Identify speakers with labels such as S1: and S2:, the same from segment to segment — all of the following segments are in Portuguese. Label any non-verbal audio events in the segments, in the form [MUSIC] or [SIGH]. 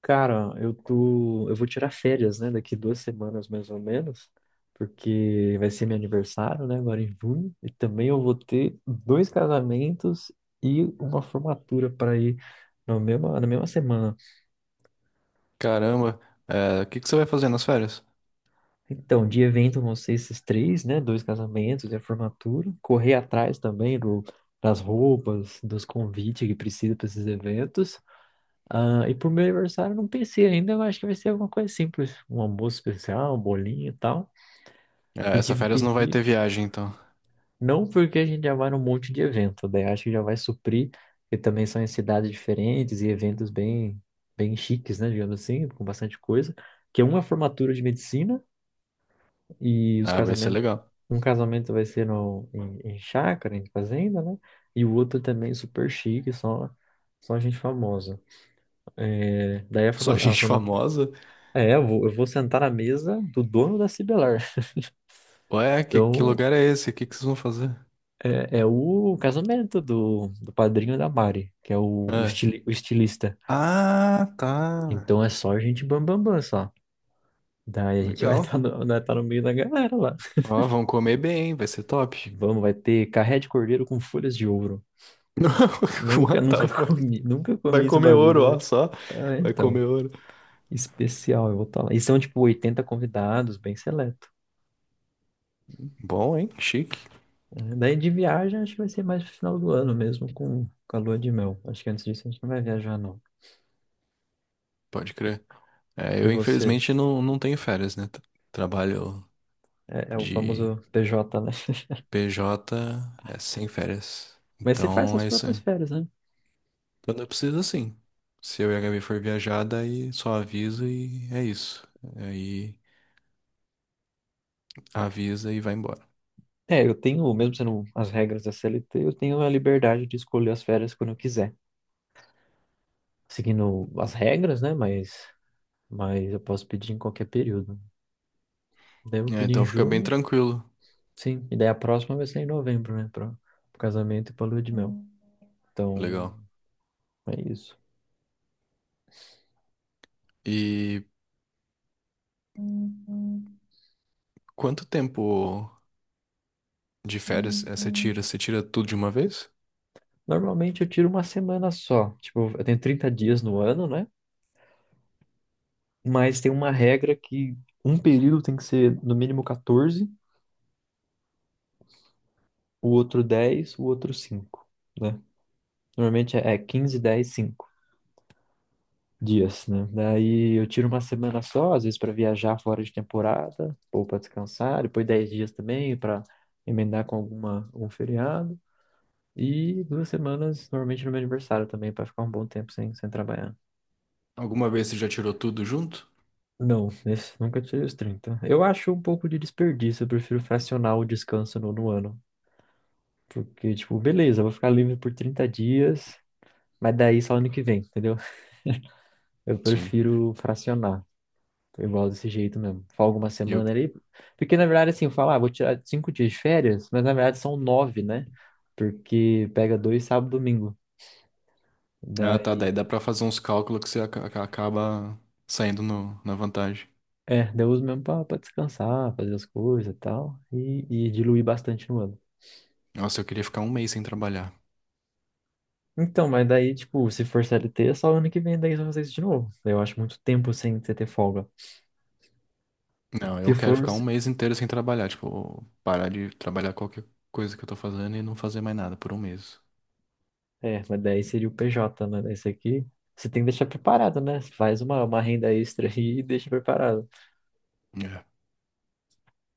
S1: Cara, eu vou tirar férias, né, daqui duas semanas mais ou menos, porque vai ser meu aniversário, né, agora em junho, e também eu vou ter dois casamentos e uma formatura para ir na mesma semana.
S2: Caramba, é, o que que você vai fazer nas férias?
S1: Então, de evento vão ser esses três, né, dois casamentos e a formatura, correr atrás também das roupas, dos convites que precisa para esses eventos. Ah, e pro meu aniversário eu não pensei ainda, eu acho que vai ser alguma coisa simples, um almoço especial, um bolinho e tal.
S2: É,
S1: E
S2: essa férias não vai
S1: dividir,
S2: ter viagem, então.
S1: não porque a gente já vai num monte de evento, daí acho que já vai suprir, que também são em cidades diferentes e eventos bem chiques, né, digamos assim, com bastante coisa, que uma é formatura de medicina e os
S2: Ah, vai ser
S1: casamentos,
S2: legal.
S1: um casamento vai ser no, em, em chácara, em fazenda, né, e o outro também super chique, só gente famosa. É, daí
S2: Só
S1: a
S2: gente [LAUGHS]
S1: forma,
S2: famosa?
S1: é, eu vou sentar na mesa do dono da Cibelar.
S2: Ué, que
S1: Então,
S2: lugar é esse? O que que vocês vão fazer?
S1: é, é o casamento do padrinho da Mari, que é o
S2: É.
S1: o estilista.
S2: Ah, tá.
S1: Então é só gente bam bam bam só. Daí a gente [LAUGHS] vai estar
S2: Legal.
S1: vai tá no meio da galera lá.
S2: Ó, vão comer bem, vai ser top.
S1: Vamos, vai ter carré de cordeiro com folhas de ouro.
S2: [LAUGHS] Não, what the
S1: Nunca [LAUGHS]
S2: fuck?
S1: nunca
S2: [LAUGHS] Vai
S1: comi esse
S2: comer ouro,
S1: bagulho
S2: ó,
S1: velho.
S2: só.
S1: Ah,
S2: Vai
S1: então,
S2: comer ouro.
S1: especial, eu vou estar lá. E são tipo 80 convidados, bem seleto.
S2: Bom, hein? Chique.
S1: É, daí de viagem acho que vai ser mais pro final do ano mesmo, com a lua de mel. Acho que antes disso a gente não vai viajar, não.
S2: Pode crer. É,
S1: E
S2: eu
S1: você,
S2: infelizmente não tenho férias, né? Trabalho
S1: é, é o
S2: de
S1: famoso PJ, né? [LAUGHS]
S2: PJ é sem férias.
S1: Mas você faz
S2: Então
S1: suas
S2: é isso
S1: próprias
S2: aí.
S1: férias, né?
S2: Quando eu preciso, assim. Se eu e a Gabi for viajar, daí só avisa e é isso. Aí avisa e vai embora.
S1: É, eu tenho, mesmo sendo as regras da CLT, eu tenho a liberdade de escolher as férias quando eu quiser. Seguindo as regras, né? Mas eu posso pedir em qualquer período. Daí eu vou
S2: É,
S1: pedir em
S2: então fica bem
S1: junho,
S2: tranquilo.
S1: sim. E daí a próxima vai ser em novembro, né? Para o casamento e para lua de mel. Então,
S2: Legal.
S1: é isso.
S2: E quanto tempo de férias é, você tira? Você tira tudo de uma vez?
S1: Normalmente eu tiro uma semana só. Tipo, eu tenho 30 dias no ano, né? Mas tem uma regra que um período tem que ser no mínimo 14, o outro 10, o outro 5. Normalmente é 15, 10, 5 dias, né? Daí eu tiro uma semana só, às vezes para viajar fora de temporada, ou para descansar, depois 10 dias também para emendar algum feriado. E duas semanas, normalmente no meu aniversário também, para ficar um bom tempo sem trabalhar.
S2: Alguma vez você já tirou tudo junto?
S1: Não, esse, nunca tirei os 30. Eu acho um pouco de desperdício, eu prefiro fracionar o descanso no ano. Porque, tipo, beleza, eu vou ficar livre por 30 dias, mas daí só ano que vem, entendeu? Eu
S2: Sim.
S1: prefiro fracionar. Foi igual desse jeito mesmo. Foi alguma
S2: E eu...
S1: semana ali. Porque, na verdade, assim, eu falo, ah, vou tirar cinco dias de férias, mas na verdade são nove, né? Porque pega dois sábado e domingo.
S2: Ah, tá.
S1: Daí,
S2: Daí dá pra fazer uns cálculos que você acaba saindo na vantagem.
S1: é, daí eu uso mesmo pra descansar, fazer as coisas e tal. E diluir bastante no ano.
S2: Nossa, eu queria ficar um mês sem trabalhar.
S1: Então, mas daí, tipo, se for CLT, é só ano que vem, daí eu vou fazer isso de novo. Eu acho muito tempo sem você ter folga.
S2: Não,
S1: Se
S2: eu quero
S1: for,
S2: ficar um
S1: se-
S2: mês inteiro sem trabalhar, tipo, parar de trabalhar qualquer coisa que eu tô fazendo e não fazer mais nada por um mês.
S1: é, mas daí seria o PJ, né? Daí esse aqui, você tem que deixar preparado, né? Faz uma renda extra [LAUGHS] aí e deixa preparado.
S2: É.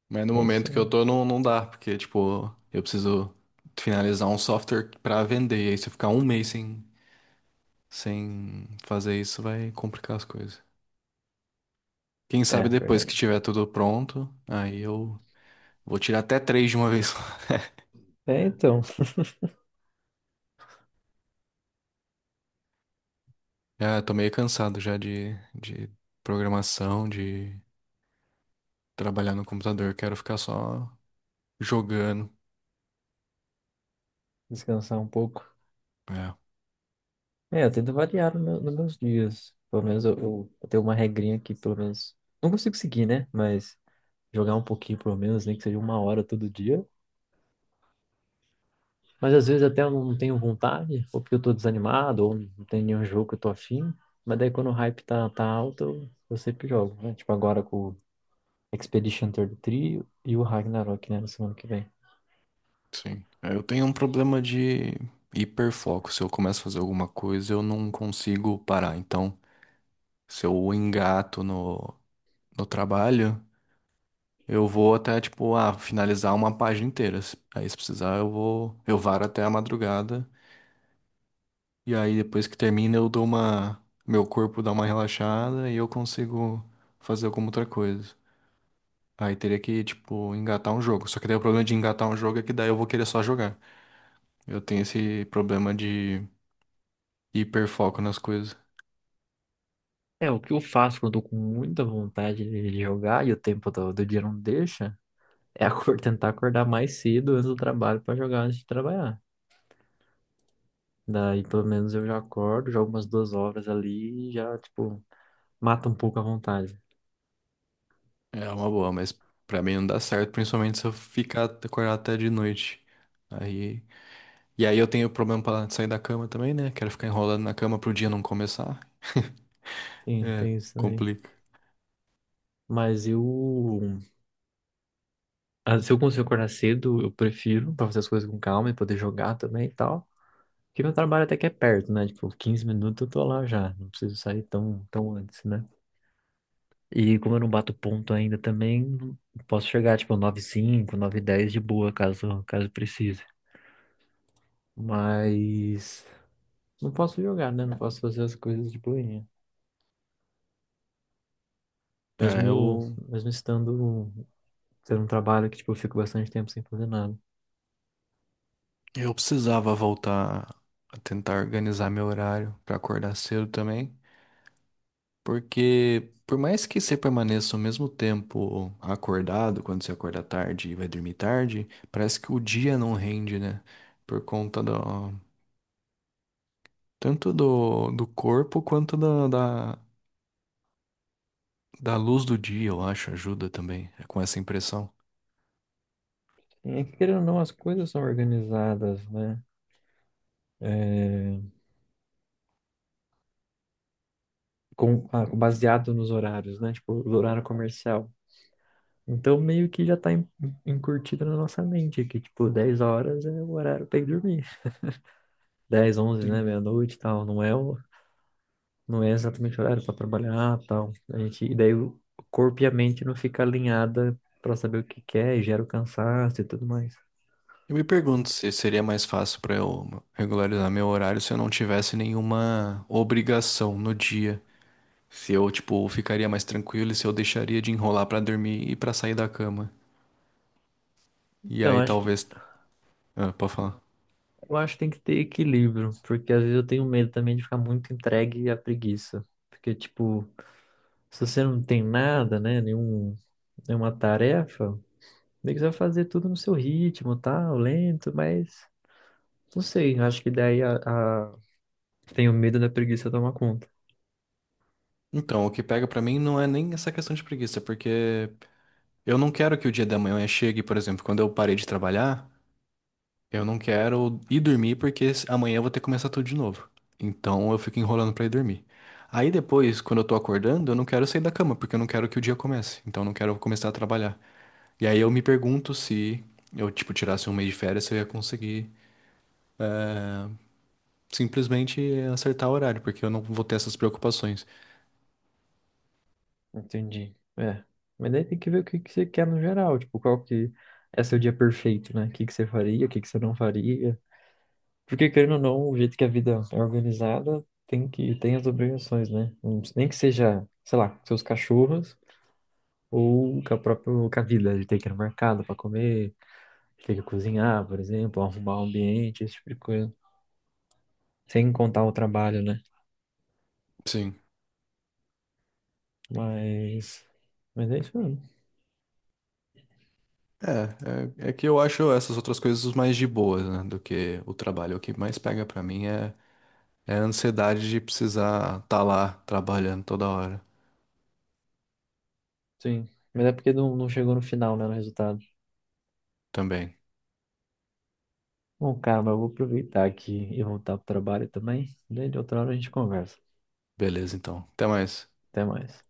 S2: Mas no
S1: É isso.
S2: momento que eu tô, não dá, porque, tipo, eu preciso finalizar um software pra vender, e aí se eu ficar um mês sem fazer isso, vai complicar as coisas. Quem
S1: É, é
S2: sabe depois que
S1: verdade.
S2: tiver tudo pronto, aí eu vou tirar até três de uma vez. Só. [LAUGHS]
S1: É, então,
S2: Já tô meio cansado já de programação, de trabalhar no computador, quero ficar só jogando.
S1: descansar um pouco.
S2: É,
S1: É, eu tento variar no nos meus dias. Pelo menos eu tenho uma regrinha que, pelo menos, não consigo seguir, né? Mas jogar um pouquinho, pelo menos, nem que seja uma hora todo dia. Mas às vezes até eu não tenho vontade, ou porque eu tô desanimado, ou não tem nenhum jogo que eu tô afim. Mas daí quando o hype tá alto, eu sempre jogo, né? Tipo agora com o Expedition 33 e três e o Ragnarok, né? Na semana que vem.
S2: sim. É, eu tenho um problema de hiperfoco. Se eu começo a fazer alguma coisa, eu não consigo parar. Então, se eu engato no trabalho, eu vou até, tipo, ah, finalizar uma página inteira. Aí, se precisar, eu vou, eu varo até a madrugada. E aí, depois que termina, eu dou uma, meu corpo dá uma relaxada e eu consigo fazer alguma outra coisa. Aí teria que, tipo, engatar um jogo. Só que daí o problema de engatar um jogo é que daí eu vou querer só jogar. Eu tenho esse problema de hiperfoco nas coisas.
S1: É, o que eu faço quando eu tô com muita vontade de jogar e o tempo do dia não deixa. É [LAUGHS] tentar acordar mais cedo antes do trabalho para jogar antes de trabalhar. Daí, pelo menos, eu já acordo, jogo umas duas horas ali e já, tipo, mata um pouco a vontade.
S2: É uma boa, mas pra mim não dá certo, principalmente se eu ficar acordado até de noite. Aí, e aí eu tenho problema pra sair da cama também, né? Quero ficar enrolando na cama pro dia não começar. [LAUGHS]
S1: Sim,
S2: É,
S1: tem isso também.
S2: complica.
S1: Mas eu, ah, se eu consigo acordar cedo, eu prefiro para fazer as coisas com calma e poder jogar também e tal. Porque meu trabalho até que é perto, né? Tipo, 15 minutos eu tô lá já. Não preciso sair tão antes, né? E como eu não bato ponto ainda também, posso chegar, tipo, nove h 05 9h10 de boa, caso precise. Mas não posso jogar, né? Não posso fazer as coisas de boinha.
S2: É,
S1: Mesmo,
S2: eu,
S1: mesmo estando tendo um trabalho que, tipo, eu fico bastante tempo sem fazer nada.
S2: eu precisava voltar a tentar organizar meu horário pra acordar cedo também. Porque por mais que você permaneça ao mesmo tempo acordado, quando você acorda tarde e vai dormir tarde, parece que o dia não rende, né? Por conta tanto do corpo quanto da, da luz do dia, eu acho, ajuda também é com essa impressão.
S1: E querendo ou não, as coisas são organizadas, né? Baseado nos horários, né? Tipo, o horário comercial. Então, meio que já encurtido na nossa mente que, tipo, 10 horas é o horário pra ir dormir. Dez onze, né?
S2: Sim.
S1: Meia-noite e tal. Não é exatamente horário para trabalhar, tal. E daí o corpo e a mente não fica alinhada para saber o que quer, e gera o cansaço e tudo mais.
S2: Eu me pergunto se seria mais fácil para eu regularizar meu horário se eu não tivesse nenhuma obrigação no dia. Se eu, tipo, ficaria mais tranquilo e se eu deixaria de enrolar para dormir e para sair da cama. E
S1: Então,
S2: aí
S1: acho que
S2: talvez. Ah, pode falar.
S1: eu acho que tem que ter equilíbrio, porque às vezes eu tenho medo também de ficar muito entregue à preguiça. Porque, tipo, se você não tem nada, né, nenhuma tarefa, meio que você vai fazer tudo no seu ritmo, tal, lento, mas não sei, acho que daí a... tenho medo da preguiça tomar conta.
S2: Então, o que pega pra mim não é nem essa questão de preguiça, porque eu não quero que o dia da manhã chegue, por exemplo, quando eu parei de trabalhar, eu não quero ir dormir porque amanhã eu vou ter que começar tudo de novo. Então eu fico enrolando pra ir dormir. Aí depois, quando eu tô acordando, eu não quero sair da cama, porque eu não quero que o dia comece. Então eu não quero começar a trabalhar. E aí eu me pergunto se eu, tipo, tirasse um mês de férias, se eu ia conseguir, eh, simplesmente acertar o horário, porque eu não vou ter essas preocupações.
S1: Entendi. É. Mas daí tem que ver o que que você quer no geral, tipo, qual que é seu dia perfeito, né? O que que você faria, o que que você não faria. Porque, querendo ou não, o jeito que a vida é organizada tem as obrigações, né? Nem que seja, sei lá, seus cachorros ou com a vida, de ter que ir no mercado para comer, de ter que cozinhar, por exemplo, arrumar o ambiente, esse tipo de coisa. Sem contar o trabalho, né?
S2: Sim.
S1: Mas, mas é isso mesmo.
S2: É que eu acho essas outras coisas mais de boas, né, do que o trabalho. O que mais pega pra mim é a ansiedade de precisar estar tá lá trabalhando toda hora
S1: Sim. Mas é porque não chegou no final, né, no resultado.
S2: também.
S1: Bom, cara, mas eu vou aproveitar aqui e voltar pro trabalho também. Daí de outra hora a gente conversa.
S2: Beleza, então. Até mais.
S1: Até mais.